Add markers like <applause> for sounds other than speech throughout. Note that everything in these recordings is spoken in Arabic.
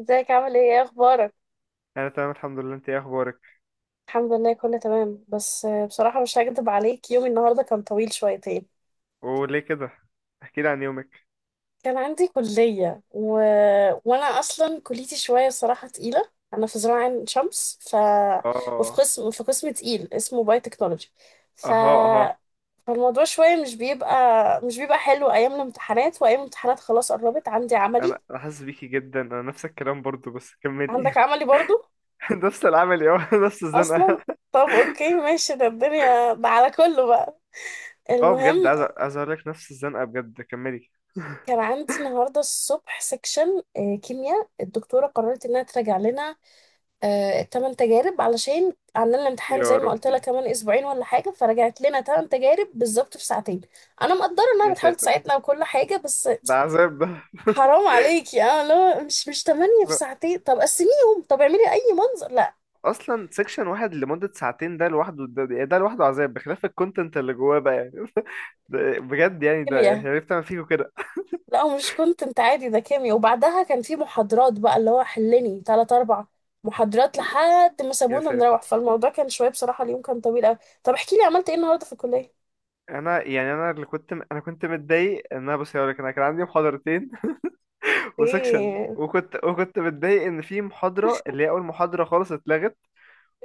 ازيك، عامل ايه؟ ايه اخبارك؟ انا تمام، الحمد لله. انت ايه اخبارك؟ الحمد لله كله تمام، بس بصراحة مش هكدب عليك. يومي النهاردة كان طويل شويتين. وليه كده؟ احكي لي عن يومك. كان عندي كلية وانا اصلا كليتي شوية صراحة تقيلة. انا في زراعة عين شمس. وفي اه. قسم تقيل اسمه باي تكنولوجي. ف اها، اها. فالموضوع شوية مش بيبقى حلو ايام الامتحانات، وايام الامتحانات خلاص قربت، عندي عملي. انا حاسس بيكي جدا. انا نفس الكلام برضو، بس كملي. عندك عملي برضو؟ <laughs> نفس العمل يا <laughs> نفس اصلا. الزنقه. طب اوكي ماشي، ده الدنيا، ده على كله بقى. اه، بجد المهم، عايز عايز اقول لك نفس الزنقه بجد. كملي. كان عندي النهارده الصبح سكشن كيمياء. الدكتوره قررت انها تراجع لنا تمن تجارب علشان عندنا الامتحان. زي يا ما قلت لها ربي. كمان اسبوعين ولا حاجه، فرجعت لنا تمن تجارب بالظبط في ساعتين. انا مقدره انها يا بتحاول ساتر. تساعدنا وكل حاجه، بس ده عذاب ده. <laughs> حرام عليكي! اه لا، مش تمانية في لا، ساعتين! طب قسميهم، طب اعملي اي منظر. لا. اصلا سيكشن واحد لمده ساعتين ده لوحده، ده لوحده عذاب، بخلاف الكونتنت اللي جواه بقى يعني. <laughs> ده بجد يعني، ده كيمياء. عرفت اعمل فيكوا كده. لا مش كنت انت عادي، ده كيمياء. وبعدها كان في محاضرات بقى اللي هو حلني تلات اربع محاضرات لحد ما يا سابونا نروح. ساتر. فالموضوع كان شوية بصراحة، اليوم كان طويل قوي. طب احكي لي، عملت ايه النهاردة في الكلية؟ انا يعني، انا كنت متضايق ان انا، بص هقول لك، انا كان عندي محاضرتين <laughs> وسكشن، ايه؟ وكنت متضايق ان في محاضره اللي هي اول محاضره خالص اتلغت.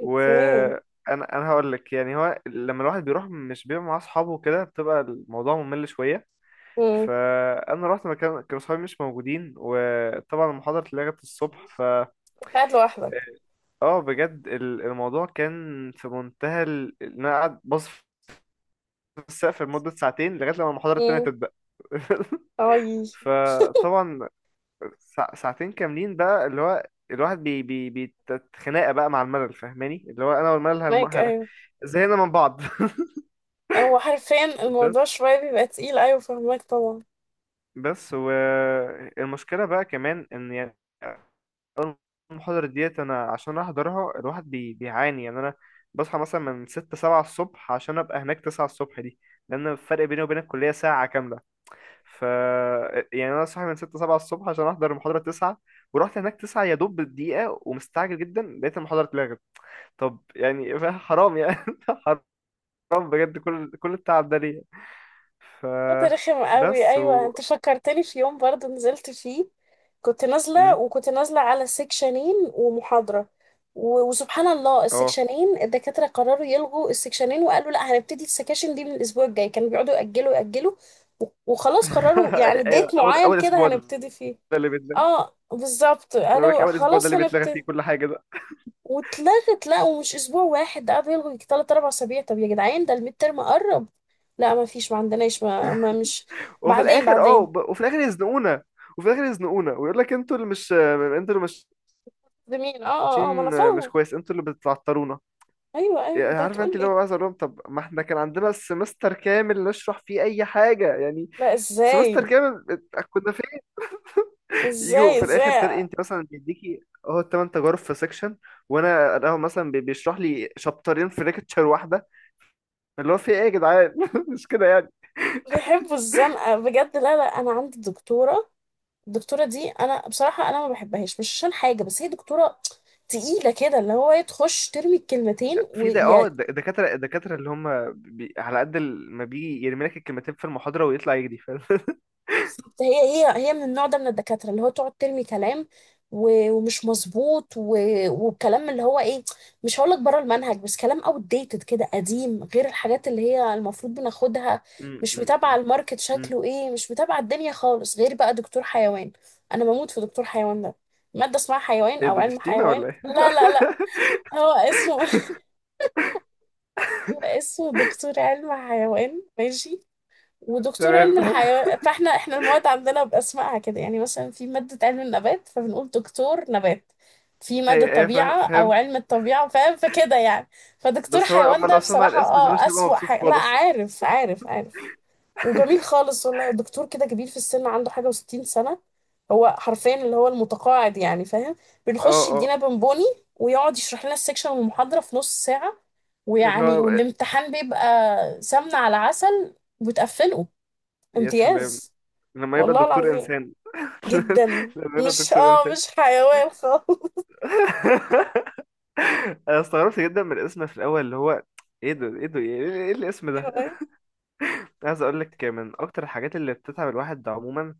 اوكي. انا أنا هقول لك يعني، هو لما الواحد بيروح مش بيبقى مع اصحابه كده، بتبقى الموضوع ممل شويه. امم فانا رحت مكان كانوا اصحابي مش موجودين، وطبعا المحاضره اتلغت الصبح. ف كنت قاعد لوحدك؟ اه، بجد الموضوع كان في منتهى ان انا قاعد باص في السقف لمده ساعتين لغايه لما المحاضره التانيه امم تبدا. <laughs> اي. فطبعا ساعتين كاملين بقى، اللي هو الواحد بي بي بيتخناقه بقى مع الملل، فاهماني؟ اللي هو انا والملل مايك، ايوه. زهقنا من بعض. <laughs> هو حرفيا بس الموضوع شوية بيبقى تقيل، ايوه فهمك طبعا. بس والمشكله بقى كمان ان يعني، أول المحاضرة ديت، أنا عشان أحضرها الواحد بيعاني، يعني أنا بصحى مثلا من ستة سبعة الصبح عشان أبقى هناك تسعة الصبح دي، لأن الفرق بيني وبين الكلية ساعة كاملة. ف يعني انا صاحي من 6 7 الصبح عشان احضر المحاضره 9، ورحت هناك 9 يا دوب بالدقيقه ومستعجل جدا، لقيت المحاضره اتلغت. طب يعني <laughs> حرام يعني. <laughs> حرام بجد. كل التعب ده ليه؟ ف. وقت رخم قوي، بس ايوه. و. انت فكرتني في يوم برضه نزلت فيه. كنت نازله مم. وكنت نازله على سكشنين ومحاضره، وسبحان الله اه. السكشنين الدكاتره قرروا يلغوا السكشنين، وقالوا لا هنبتدي السكاشن دي من الاسبوع الجاي. كانوا بيقعدوا ياجلوا ياجلوا، وخلاص قرروا <laughs> يعني ايوه، ديت اول معين اول كده اسبوع ده هنبتدي فيه. اللي بيتلغى. اه بالظبط، انا بقول لك قالوا اول اسبوع ده خلاص اللي بيتلغى فيه هنبتدي كل حاجه ده. واتلغت. لا، ومش اسبوع واحد ده، قعدوا يلغوا يجي تلات اربع اسابيع. طب يا جدعان، ده الميد ترم قرب! لا ما فيش، ما عندناش، ما مش. وفي بعدين الاخر، اه، بعدين. وفي الاخر يزنقونا. وفي الاخر يزنقونا ويقول لك، انتوا اللي مش ده مين؟ اه ماشيين اه اه، ما انا مش فاهمه. كويس، انتوا اللي بتعطرونا. ايوه ايوه، يعني انت عارف انت، هتقول اللي لي. هو، عايز اقول لهم طب ما احنا كان عندنا سمستر كامل نشرح فيه اي حاجه يعني. لا، سمستر ازاي كامل، كنا فين؟ يجوا ازاي في الاخر ازاي؟ تلاقي انت مثلا بيديكي اهو الثمان تجارب في سيكشن، وانا اهو مثلا بيشرح لي شابترين في ليكتشر واحده، اللي هو في ايه يا جدعان؟ <laughs> مش كده يعني؟ بيحبوا الزنقه بجد. لا لا، انا عندي دكتوره. الدكتوره دي انا بصراحه انا ما بحبهاش، مش عشان حاجه، بس هي دكتوره تقيله كده، اللي هو هي تخش ترمي الكلمتين في ده، اه، ويا. الدكاتره اللي هم، على قد ما بيجي يرمي لك الكلمتين في المحاضره ويطلع يجري، فاهم؟ <laughs> هي هي من النوع ده من الدكاترة اللي هو تقعد ترمي كلام، ومش مظبوط، وكلام اللي هو ايه، مش هقولك بره المنهج، بس كلام outdated كده قديم، غير الحاجات اللي هي المفروض بناخدها. م- مش م- متابعة م- الماركت م. شكله ايه، مش متابعة الدنيا خالص. غير بقى دكتور حيوان، انا بموت في دكتور حيوان ده. مادة اسمها حيوان ايه او ده، دي علم شتيمه حيوان، ولا ايه؟ لا لا لا. هو اسمه <laughs> هو اسمه دكتور علم حيوان، ماشي. <laughs> ودكتور تمام. علم <laughs> الحيوان، فاحنا المواد عندنا باسمائها كده، يعني مثلا في ماده علم النبات فبنقول دكتور نبات، في هي ماده ايه طبيعه او فاهم؟ علم الطبيعه، فاهم، فكده يعني. فدكتور بس هو حيوان هو ده لو سمع بصراحه الاسم ده مش هيبقى اسوأ مبسوط حاجه. لا خالص. عارف عارف عارف، وجميل خالص والله. دكتور كده كبير في السن، عنده حاجه وستين سنه. هو حرفيا اللي هو المتقاعد يعني، فاهم. اه، بنخش اه، يدينا بونبوني، ويقعد يشرح لنا السكشن والمحاضره في نص ساعه، اللي ويعني هو، والامتحان بيبقى سمنه على عسل وتقفله يا سلام امتياز. لما يبقى والله دكتور العظيم. انسان. جدا. <laughs> لما يبقى مش دكتور اه انسان. مش حيوان خالص <laughs> <laughs> انا استغربت جدا من الاسم في الاول، اللي هو، ايه ده، ايه ده، إيه الاسم ده؟ ايوه ايوه عايز اقول لك من اكتر الحاجات اللي بتتعب الواحد عموما،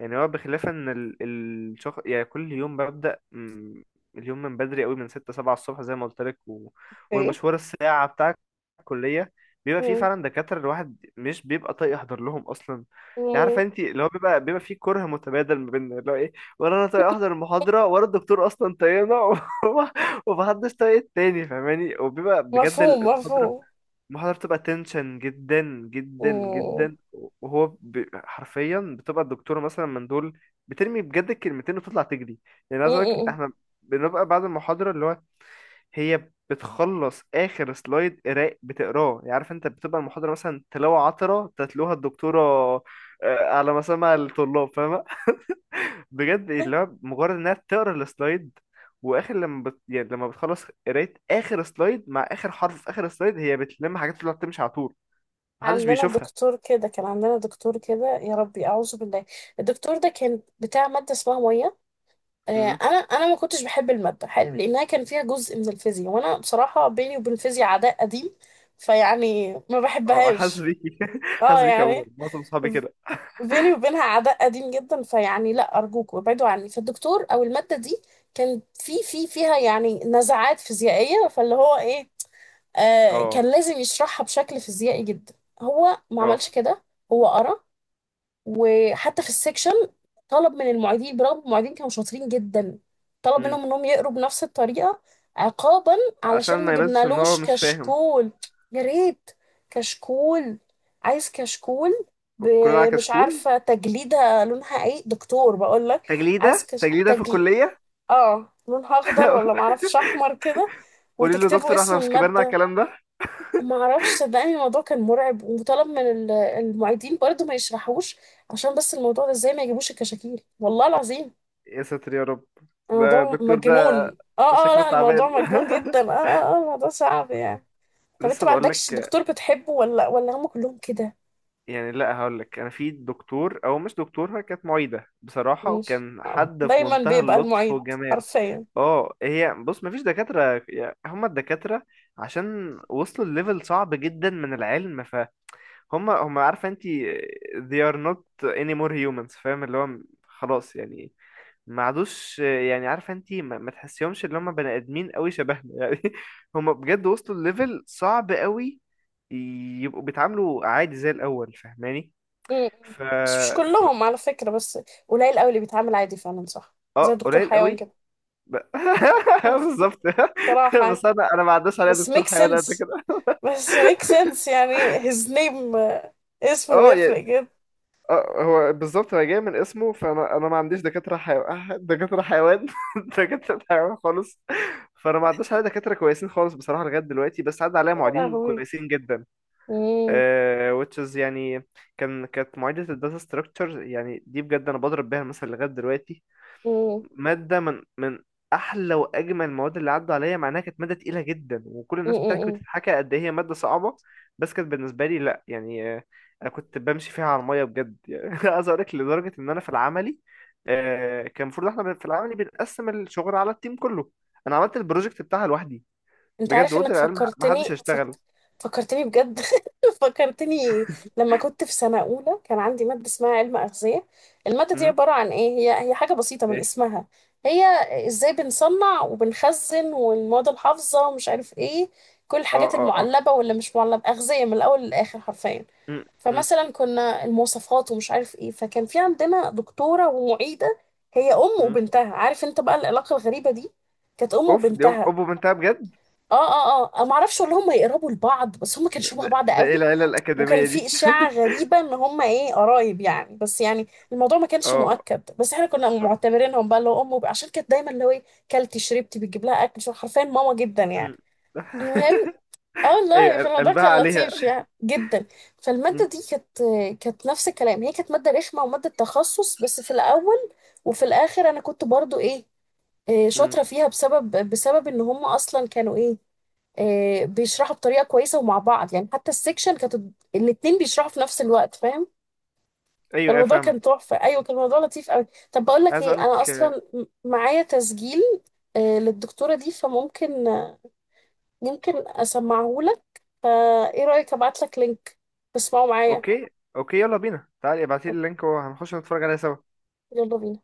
يعني هو بخلاف ان الشخص، يعني كل يوم ببدأ اليوم من بدري قوي من ستة سبعة الصبح زي ما قلت لك، و... ايه. والمشوار، الساعة بتاع الكلية، بيبقى فيه مم. فعلا دكاترة الواحد مش بيبقى طايق يحضر لهم أصلا، يعني عارفة مم. انت، اللي هو بيبقى فيه كره متبادل ما بيننا، اللي هو ايه، ولا أنا طايق أحضر المحاضرة ولا الدكتور أصلا طايقنا. <laughs> ومحدش طايق التاني، فاهماني؟ وبيبقى بجد مفهوم المحاضرة مفهوم. المحاضرة بتبقى تنشن جدا، جدا مم. جدا. وهو حرفيا بتبقى الدكتورة مثلا من دول، بترمي بجد الكلمتين وتطلع تجري. يعني عايز أقولك مم. احنا بنبقى بعد المحاضرة، اللي هو، هي بتخلص آخر سلايد قراء بتقراه، يعني عارف انت، بتبقى المحاضرة مثلا تلاوة عطرة تتلوها الدكتورة على مسامع الطلاب، فاهمة؟ <laughs> بجد، اللي هو مجرد انها تقرا السلايد، واخر لما يعني لما بتخلص قراية اخر سلايد، مع اخر حرف في اخر سلايد هي بتلم حاجات تطلع تمشي على طول، محدش عندنا بيشوفها. دكتور كده كان عندنا دكتور كده، يا ربي اعوذ بالله. الدكتور ده كان بتاع ماده اسمها ميه. آه، امم. انا ما كنتش بحب الماده حلو، لانها كان فيها جزء من الفيزياء، وانا بصراحه بيني وبين الفيزياء عداء قديم. فيعني ما اه، حاسس بحبهاش. بيكي. <laughs> اه حاسس بيكي. عموما يعني معظم صحابي كده. بيني وبينها عداء قديم جدا، فيعني لا أرجوك وابعدوا عني. فالدكتور أو المادة دي، كان في في فيها يعني نزعات فيزيائية، فاللي هو إيه آه اه، كان لازم يشرحها بشكل فيزيائي جدا. هو ما عملش اه. كده. هو قرا، وحتى في السكشن طلب من المعيدين، برغم المعيدين كانوا شاطرين جدا، طلب امم. منهم انهم يقروا بنفس الطريقة، عقابا عشان علشان ما ما يبانش ان هو جبنالوش مش فاهم. كشكول. يا ريت! كشكول! عايز كشكول! كلنا على ب- مش كشكول. عارفة تجليدة لونها ايه. دكتور بقول لك، عايز تجليدة تجليدة في تجليد، الكلية. اه لونها اخضر ولا <laughs> معرفش احمر كده، قولي له وتكتبوا دكتور، اسم احنا مش كبرنا على المادة. الكلام ده. ما اعرفش، صدقني الموضوع كان مرعب. وطلب من المعيدين برضه ما يشرحوش، عشان بس الموضوع ده ازاي ما يجيبوش الكشاكيل، والله العظيم. يا ساتر يا رب. ده الموضوع الدكتور ده مجنون. اه اه، شكله لا الموضوع تعبان. مجنون <laughs> جدا، اه اه اه الموضوع صعب يعني. طب انت لسه ما بقول عندكش لك. دكتور بتحبه، ولا هم كلهم كده؟ يعني لا، هقول لك، انا في دكتور او مش دكتور، هي كانت معيدة بصراحة، ماشي. وكان حد في دايما منتهى بيبقى اللطف المعيد والجمال. حرفيا. اه، هي بص، مفيش دكاترة، يعني هما الدكاترة عشان وصلوا لليفل صعب جدا من العلم، فهم، هم، عارفة انت، they are not anymore humans، فاهم؟ اللي هو خلاص يعني، ما عادوش، يعني عارفة انت، ما تحسيهمش اللي هم بني ادمين قوي شبهنا يعني. <laughs> هم بجد وصلوا لليفل صعب قوي يبقوا بيتعاملوا عادي زي الاول، فاهماني؟ م- م. ف... بس مش ف... كلهم على فكرة، بس قليل قوي اللي بيتعامل عادي فعلا، صح، زي اه، دكتور قليل حيوان قوي. كده ب... <laughs> <laughs> بالظبط. صراحة <laughs> يعني. بس انا ما عداش عليا بس دكتور ميك حيوان قبل سنس كده، بس ميك سنس يعني his name، اسمه اه يفرق يعني. جدا. اه، هو بالظبط، هو جاي من اسمه. فانا ما عنديش دكاتره حيوان، دكاتره حيوان <laughs> دكاتره حيوان خالص. فانا ما عداش عليا دكاتره كويسين خالص بصراحه لغايه دلوقتي، بس عدى عليا يا معيدين لهوي. كويسين جدا. مم. Which is يعني، كانت معيده الداتا ستراكشر يعني، دي بجد انا بضرب بيها المثل لغايه دلوقتي. مم. مادة من أحلى وأجمل المواد اللي عدوا عليا، مع إنها كانت مادة تقيلة جدا، وكل مم. الناس بتحكي مم. وتتحكى قد إيه هي مادة صعبة، بس كانت بالنسبة لي لأ يعني. أنا كنت بمشي فيها على المية بجد يعني. <laughs> عايز أقول لك، لدرجة إن أنا في العملي، كان المفروض إحنا في العملي بنقسم الشغل على التيم كله، أنا عملت البروجكت بتاعها لوحدي انت بجد، عارف وقلت انك للعيال محدش فكرتني هيشتغل. فكرتني بجد <laughs> فكرتني لما كنت في سنة أولى. كان عندي مادة اسمها علم أغذية. المادة دي أمم. عبارة عن ايه؟ هي حاجة بسيطة من إيه. اسمها. هي ازاي بنصنع وبنخزن، والمواد الحافظة ومش عارف ايه، كل أه، الحاجات أه، أه. المعلبة واللي مش معلبة، أغذية من الأول للآخر حرفيا. أمم. أمم. فمثلا كنا المواصفات ومش عارف ايه، فكان في عندنا دكتورة ومعيدة، هي أم أمم. وبنتها، عارف انت بقى العلاقة الغريبة دي. كانت أم أوف، دي أم وبنتها. أوبو بنتها بجد. اه اه اه، أنا ما اعرفش ولا هم يقربوا لبعض، بس هم كانوا شبه ده, بعض ده إيه قوي، العيلة وكان الأكاديمية في دي؟ اشاعه غريبه ان هم ايه قرايب يعني، بس يعني الموضوع ما <laughs> كانش أه. مؤكد، بس احنا كنا معتبرينهم بقى اللي هو امه، عشان كانت دايما اللي هو كلتي شربتي بتجيب لها اكل، شو حرفيا ماما جدا مم. يعني. المهم، <laughs> اه والله ايوه، الموضوع قلبها كان عليها. لطيف يعني جدا. فالماده مم. دي كانت، نفس الكلام. هي كانت ماده رخمه وماده تخصص بس في الاول، وفي الاخر انا كنت برضو ايه، مم. شاطره فيها، بسبب ان هم اصلا كانوا بيشرحوا بطريقه كويسه ومع بعض يعني. حتى السكشن كانت الاتنين بيشرحوا في نفس الوقت، فاهم. ايوه، ايوه، فالموضوع كان فاهمك. تحفه، ايوه كان الموضوع لطيف قوي. طب بقول لك عايز اقول ايه، انا لك اصلا معايا تسجيل للدكتوره دي، فممكن يمكن اسمعهولك. فايه رايك، ابعت لك لينك تسمعه معايا؟ اوكي. اوكي، يلا بينا، تعالي ابعتي لي اللينك وهنخش نتفرج عليها سوا. يلا بينا.